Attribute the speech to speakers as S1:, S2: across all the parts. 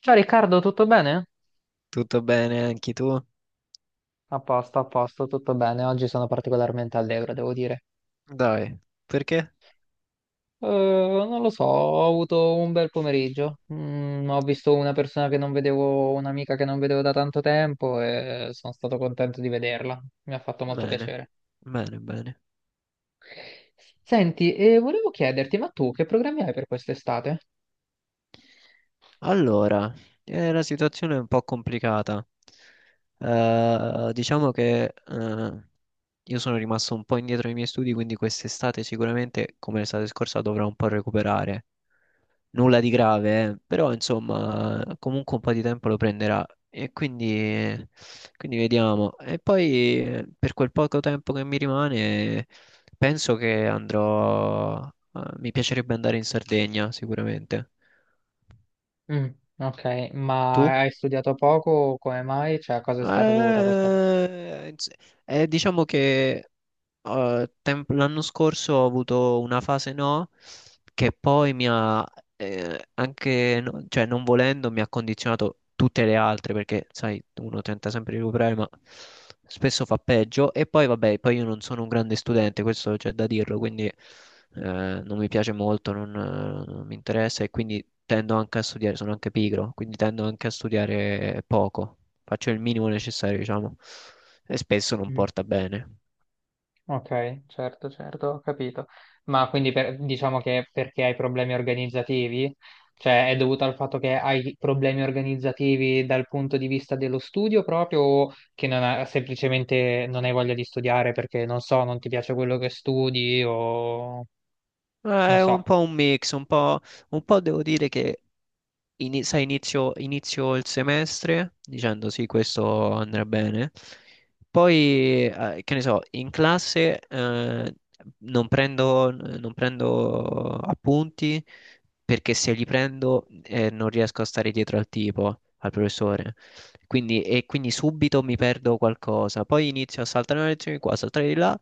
S1: Ciao Riccardo, tutto bene?
S2: Tutto bene anche tu?
S1: A posto, tutto bene. Oggi sono particolarmente allegro, devo dire.
S2: Dai, perché?
S1: Non lo so, ho avuto un bel pomeriggio. Ho visto una persona che non vedevo, un'amica che non vedevo da tanto tempo e sono stato contento di vederla. Mi ha fatto molto
S2: Bene,
S1: piacere.
S2: bene, bene.
S1: Senti, e volevo chiederti, ma tu che programmi hai per quest'estate?
S2: Allora, la situazione è un po' complicata. Diciamo che io sono rimasto un po' indietro nei miei studi, quindi quest'estate sicuramente, come l'estate scorsa, dovrò un po' recuperare. Nulla di grave, però insomma, comunque un po' di tempo lo prenderà e quindi, vediamo. E poi per quel poco tempo che mi rimane, penso che andrò, mi piacerebbe andare in Sardegna sicuramente.
S1: Mm, ok,
S2: Tu?
S1: ma hai studiato poco? Come mai? Cioè, a cosa è stata dovuta questa cosa?
S2: Eh, ins- diciamo che l'anno scorso ho avuto una fase, no, che poi mi ha anche, cioè non volendo, mi ha condizionato tutte le altre perché, sai, uno tenta sempre di recuperare, ma spesso fa peggio. E poi, vabbè, poi io non sono un grande studente, questo c'è da dirlo, quindi non mi piace molto, non mi interessa e quindi tendo anche a studiare, sono anche pigro, quindi tendo anche a studiare poco, faccio il minimo necessario, diciamo, e spesso non porta bene.
S1: Ok, certo, certo, ho capito. Ma quindi diciamo che perché hai problemi organizzativi? Cioè è dovuto al fatto che hai problemi organizzativi dal punto di vista dello studio proprio o che non ha- semplicemente non hai voglia di studiare perché non so, non ti piace quello che studi o
S2: Ma
S1: non
S2: è un
S1: so.
S2: po' un mix, un po' devo dire che sai, inizio il semestre dicendo sì, questo andrà bene. Poi, che ne so, in classe non prendo appunti perché se li prendo non riesco a stare dietro al tipo, al professore. Quindi subito mi perdo qualcosa. Poi inizio a saltare una lezione di qua, a saltare di là.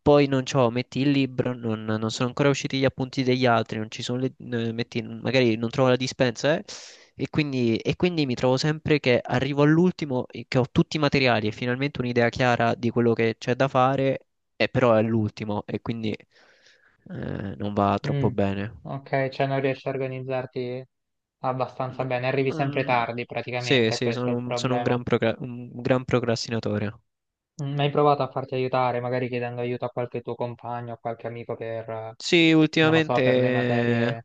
S2: Poi non c'ho, metti il libro, non sono ancora usciti gli appunti degli altri, non ci sono metti, magari non trovo la dispensa. E quindi mi trovo sempre che arrivo all'ultimo, che ho tutti i materiali e finalmente un'idea chiara di quello che c'è da fare, e però è l'ultimo e quindi non va troppo
S1: Mm,
S2: bene.
S1: ok, cioè non riesci a organizzarti abbastanza
S2: No.
S1: bene, arrivi sempre
S2: Mm,
S1: tardi
S2: sì,
S1: praticamente,
S2: sì,
S1: questo è
S2: sono,
S1: il
S2: un sono
S1: problema.
S2: un gran procrastinatore.
S1: Hai provato a farti aiutare, magari chiedendo aiuto a qualche tuo compagno, a qualche amico per,
S2: Sì,
S1: non lo so, per le materie.
S2: ultimamente,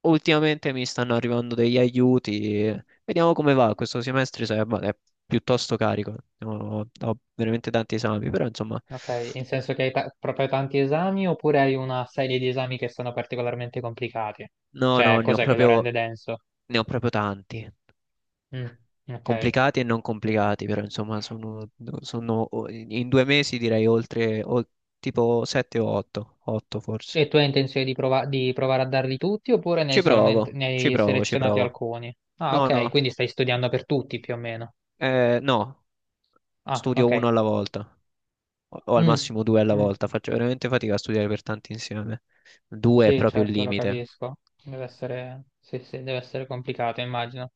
S2: ultimamente mi stanno arrivando degli aiuti. Vediamo come va questo semestre, ma è piuttosto carico. Ho veramente tanti esami, però insomma,
S1: Ok, in senso che hai proprio tanti esami oppure hai una serie di esami che sono particolarmente complicati?
S2: no,
S1: Cioè,
S2: no,
S1: cos'è che lo rende denso?
S2: ne ho proprio tanti.
S1: Mm, ok.
S2: Complicati e non complicati, però insomma, in due mesi direi tipo 7 o 8, 8 forse.
S1: E tu hai intenzione di provare a darli tutti oppure
S2: Ci provo,
S1: ne
S2: ci
S1: hai
S2: provo, ci
S1: selezionati
S2: provo.
S1: alcuni? Ah,
S2: No,
S1: ok,
S2: no,
S1: quindi stai studiando per tutti più o meno.
S2: no,
S1: Ah,
S2: studio
S1: ok.
S2: uno alla volta o al
S1: Mm,
S2: massimo due alla
S1: mm.
S2: volta. Faccio veramente fatica a studiare per tanti insieme. Due è
S1: Sì,
S2: proprio il
S1: certo, lo
S2: limite.
S1: capisco. Deve essere, sì, sì, deve essere complicato, immagino.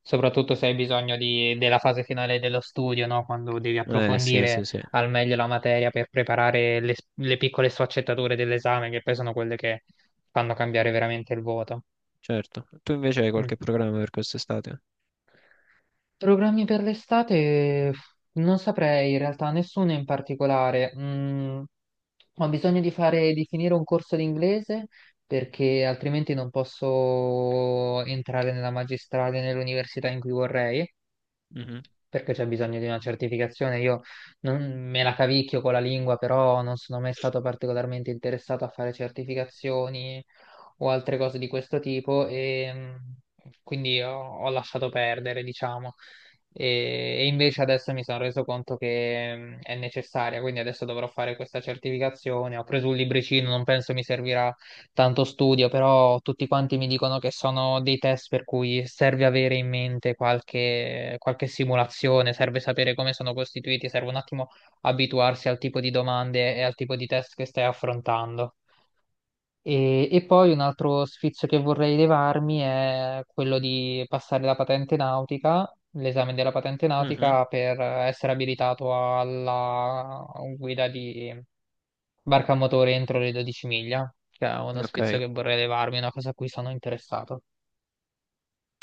S1: Soprattutto se hai bisogno della fase finale dello studio, no? Quando devi
S2: Sì,
S1: approfondire
S2: sì, sì,
S1: al meglio la materia per preparare le piccole sfaccettature dell'esame, che poi sono quelle che fanno cambiare veramente il voto.
S2: certo. Tu invece hai
S1: Mm.
S2: qualche programma per quest'estate?
S1: Programmi per l'estate? Non saprei in realtà, nessuno in particolare. Ho bisogno di finire un corso di inglese perché altrimenti non posso entrare nella magistrale, nell'università in cui vorrei,
S2: Mhm,
S1: perché c'è bisogno di una certificazione. Io non me la cavicchio con la lingua, però non sono mai stato particolarmente interessato a fare certificazioni o altre cose di questo tipo e quindi ho lasciato perdere, diciamo. E invece adesso mi sono reso conto che è necessaria, quindi adesso dovrò fare questa certificazione. Ho preso un libricino, non penso mi servirà tanto studio, però tutti quanti mi dicono che sono dei test per cui serve avere in mente qualche simulazione, serve sapere come sono costituiti, serve un attimo abituarsi al tipo di domande e al tipo di test che stai affrontando. E poi un altro sfizio che vorrei levarmi è quello di passare la patente nautica, l'esame della patente
S2: mhm,
S1: nautica per essere abilitato alla guida di barca a motore entro le 12 miglia, che è uno
S2: ok,
S1: spizio che vorrei levarmi, una cosa a cui sono interessato.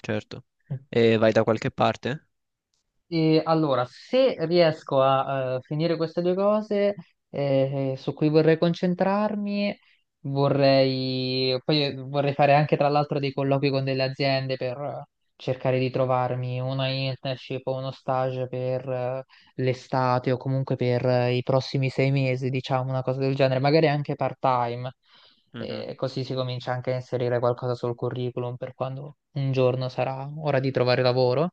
S2: certo. E vai da qualche parte?
S1: E allora, se riesco a finire queste due cose su cui vorrei concentrarmi, poi vorrei fare anche tra l'altro dei colloqui con delle aziende per cercare di trovarmi una internship o uno stage per l'estate o comunque per i prossimi sei mesi, diciamo una cosa del genere, magari anche part-time.
S2: Mhm,
S1: E così si comincia anche a inserire qualcosa sul curriculum per quando un giorno sarà ora di trovare lavoro.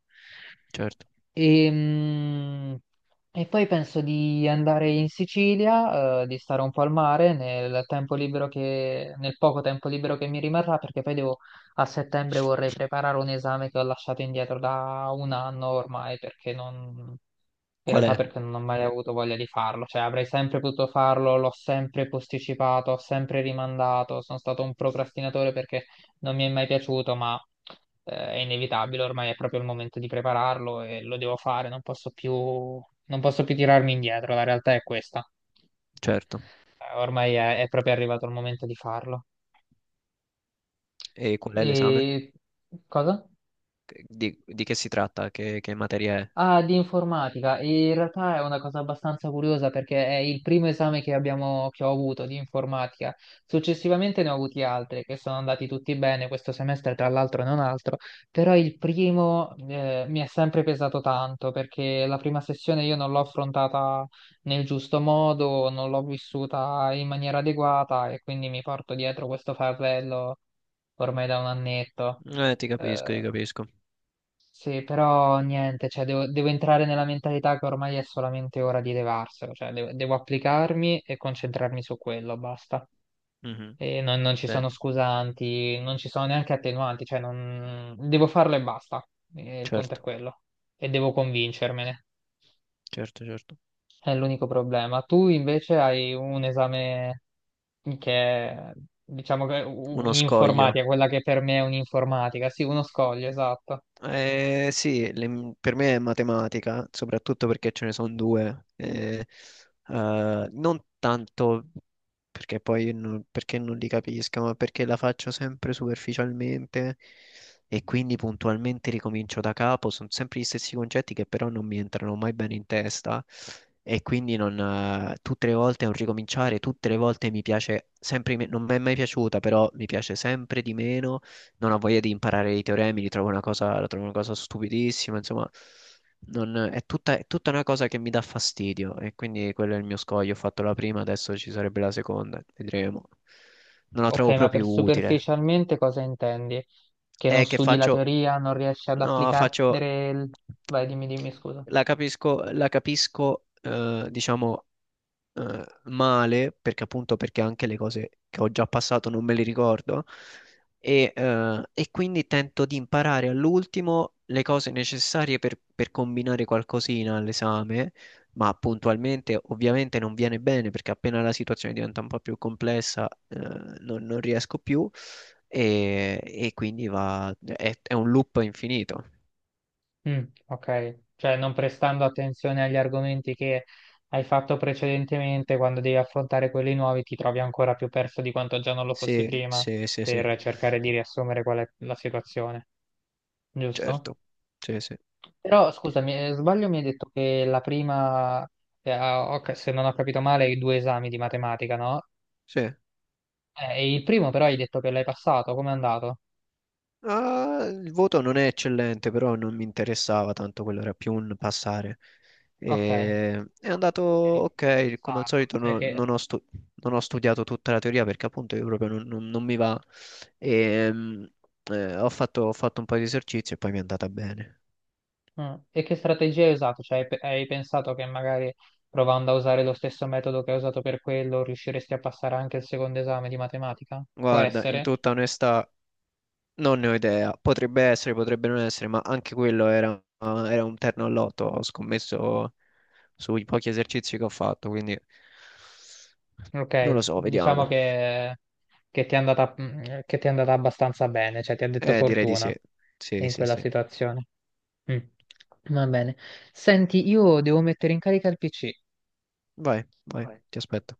S2: certo.
S1: E, mm, e poi penso di andare in Sicilia, di stare un po' al mare nel tempo libero che, nel poco tempo libero che mi rimarrà, perché poi devo, a settembre vorrei preparare un esame che ho lasciato indietro da un anno ormai, perché non, in
S2: Qual
S1: realtà
S2: è?
S1: perché non ho mai avuto voglia di farlo, cioè avrei sempre potuto farlo, l'ho sempre posticipato, ho sempre rimandato, sono stato un procrastinatore perché non mi è mai piaciuto, ma è inevitabile, ormai è proprio il momento di prepararlo e lo devo fare, non posso più, non posso più tirarmi indietro, la realtà è questa.
S2: Certo.
S1: Ormai è proprio arrivato il momento di farlo.
S2: E qual è l'esame?
S1: E cosa?
S2: Di che si tratta? Che materia è?
S1: Ah, di informatica. E in realtà è una cosa abbastanza curiosa perché è il primo esame che abbiamo, che ho avuto di informatica. Successivamente ne ho avuti altri che sono andati tutti bene questo semestre, tra l'altro e non altro, però il primo mi è sempre pesato tanto perché la prima sessione io non l'ho affrontata nel giusto modo, non l'ho vissuta in maniera adeguata e quindi mi porto dietro questo fardello ormai da un annetto.
S2: Ti capisco, ti
S1: Eh,
S2: capisco.
S1: sì, però niente, cioè devo entrare nella mentalità che ormai è solamente ora di levarselo, cioè devo applicarmi e concentrarmi su quello, basta.
S2: Mhm.
S1: E non ci sono
S2: Bene.
S1: scusanti, non ci sono neanche attenuanti, cioè non... devo farlo e basta. E il punto
S2: Certo,
S1: è quello. E devo convincermene.
S2: certo, certo.
S1: È l'unico problema. Tu invece hai un esame che è, diciamo che è
S2: Uno scoglio.
S1: un'informatica, quella che per me è un'informatica, sì, uno scoglio, esatto.
S2: Sì, per me è matematica, soprattutto perché ce ne sono due. Non tanto perché poi non, perché non li capisco, ma perché la faccio sempre superficialmente e quindi puntualmente ricomincio da capo. Sono sempre gli stessi concetti che però non mi entrano mai bene in testa e quindi non, tutte le volte è un ricominciare, tutte le volte mi piace sempre, non mi è mai piaciuta, però mi piace sempre di meno, non ha voglia di imparare i teoremi, li trovo una cosa, la trovo una cosa stupidissima, insomma, è tutta una cosa che mi dà fastidio e quindi quello è il mio scoglio, ho fatto la prima, adesso ci sarebbe la seconda, vedremo. Non la
S1: Ok,
S2: trovo
S1: ma per
S2: proprio utile.
S1: superficialmente cosa intendi? Che non
S2: E che
S1: studi la
S2: faccio?
S1: teoria, non riesci ad
S2: No,
S1: applicare... il- Vai, dimmi, dimmi, scusa.
S2: la capisco, diciamo, male, perché appunto perché anche le cose che ho già passato non me le ricordo, e quindi tento di imparare all'ultimo le cose necessarie per, combinare qualcosina all'esame, ma puntualmente ovviamente non viene bene perché appena la situazione diventa un po' più complessa, non riesco più e quindi è un loop infinito.
S1: Mm, ok, cioè non prestando attenzione agli argomenti che hai fatto precedentemente, quando devi affrontare quelli nuovi ti trovi ancora più perso di quanto già non lo fossi
S2: Sì,
S1: prima,
S2: sì, sì, sì,
S1: per cercare di riassumere qual è la situazione, giusto?
S2: certo, sì, sì,
S1: Però scusami, sbaglio, mi hai detto che la prima, ah, ok, se non ho capito male, i due esami di matematica, no?
S2: sì.
S1: E il primo però hai detto che l'hai passato, com'è andato?
S2: Ah, il voto non è eccellente, però non mi interessava tanto, quello era più un passare.
S1: Ok,
S2: È
S1: però
S2: andato
S1: comunque sei riuscito
S2: ok,
S1: a
S2: come al
S1: usarlo.
S2: solito,
S1: Cioè
S2: non ho studiato tutta la teoria perché appunto io proprio non, non mi va. E, ho fatto un po' di esercizi e poi mi è andata bene.
S1: mm. E che strategia hai usato? Cioè, hai pensato che magari provando a usare lo stesso metodo che hai usato per quello riusciresti a passare anche il secondo esame di matematica? Può
S2: Guarda, in
S1: essere?
S2: tutta onestà, non ne ho idea, potrebbe essere, potrebbe non essere, ma anche quello era un terno al lotto, ho scommesso sui pochi esercizi che ho fatto, quindi non lo
S1: Ok,
S2: so,
S1: diciamo
S2: vediamo.
S1: che ti è andata abbastanza bene, cioè ti ha detto
S2: Direi di
S1: fortuna
S2: sì. Sì,
S1: in
S2: sì,
S1: quella
S2: sì.
S1: situazione. Mm. Va bene. Senti, io devo mettere in carica il PC.
S2: Vai, vai,
S1: Vai,
S2: ti
S1: vai.
S2: aspetto.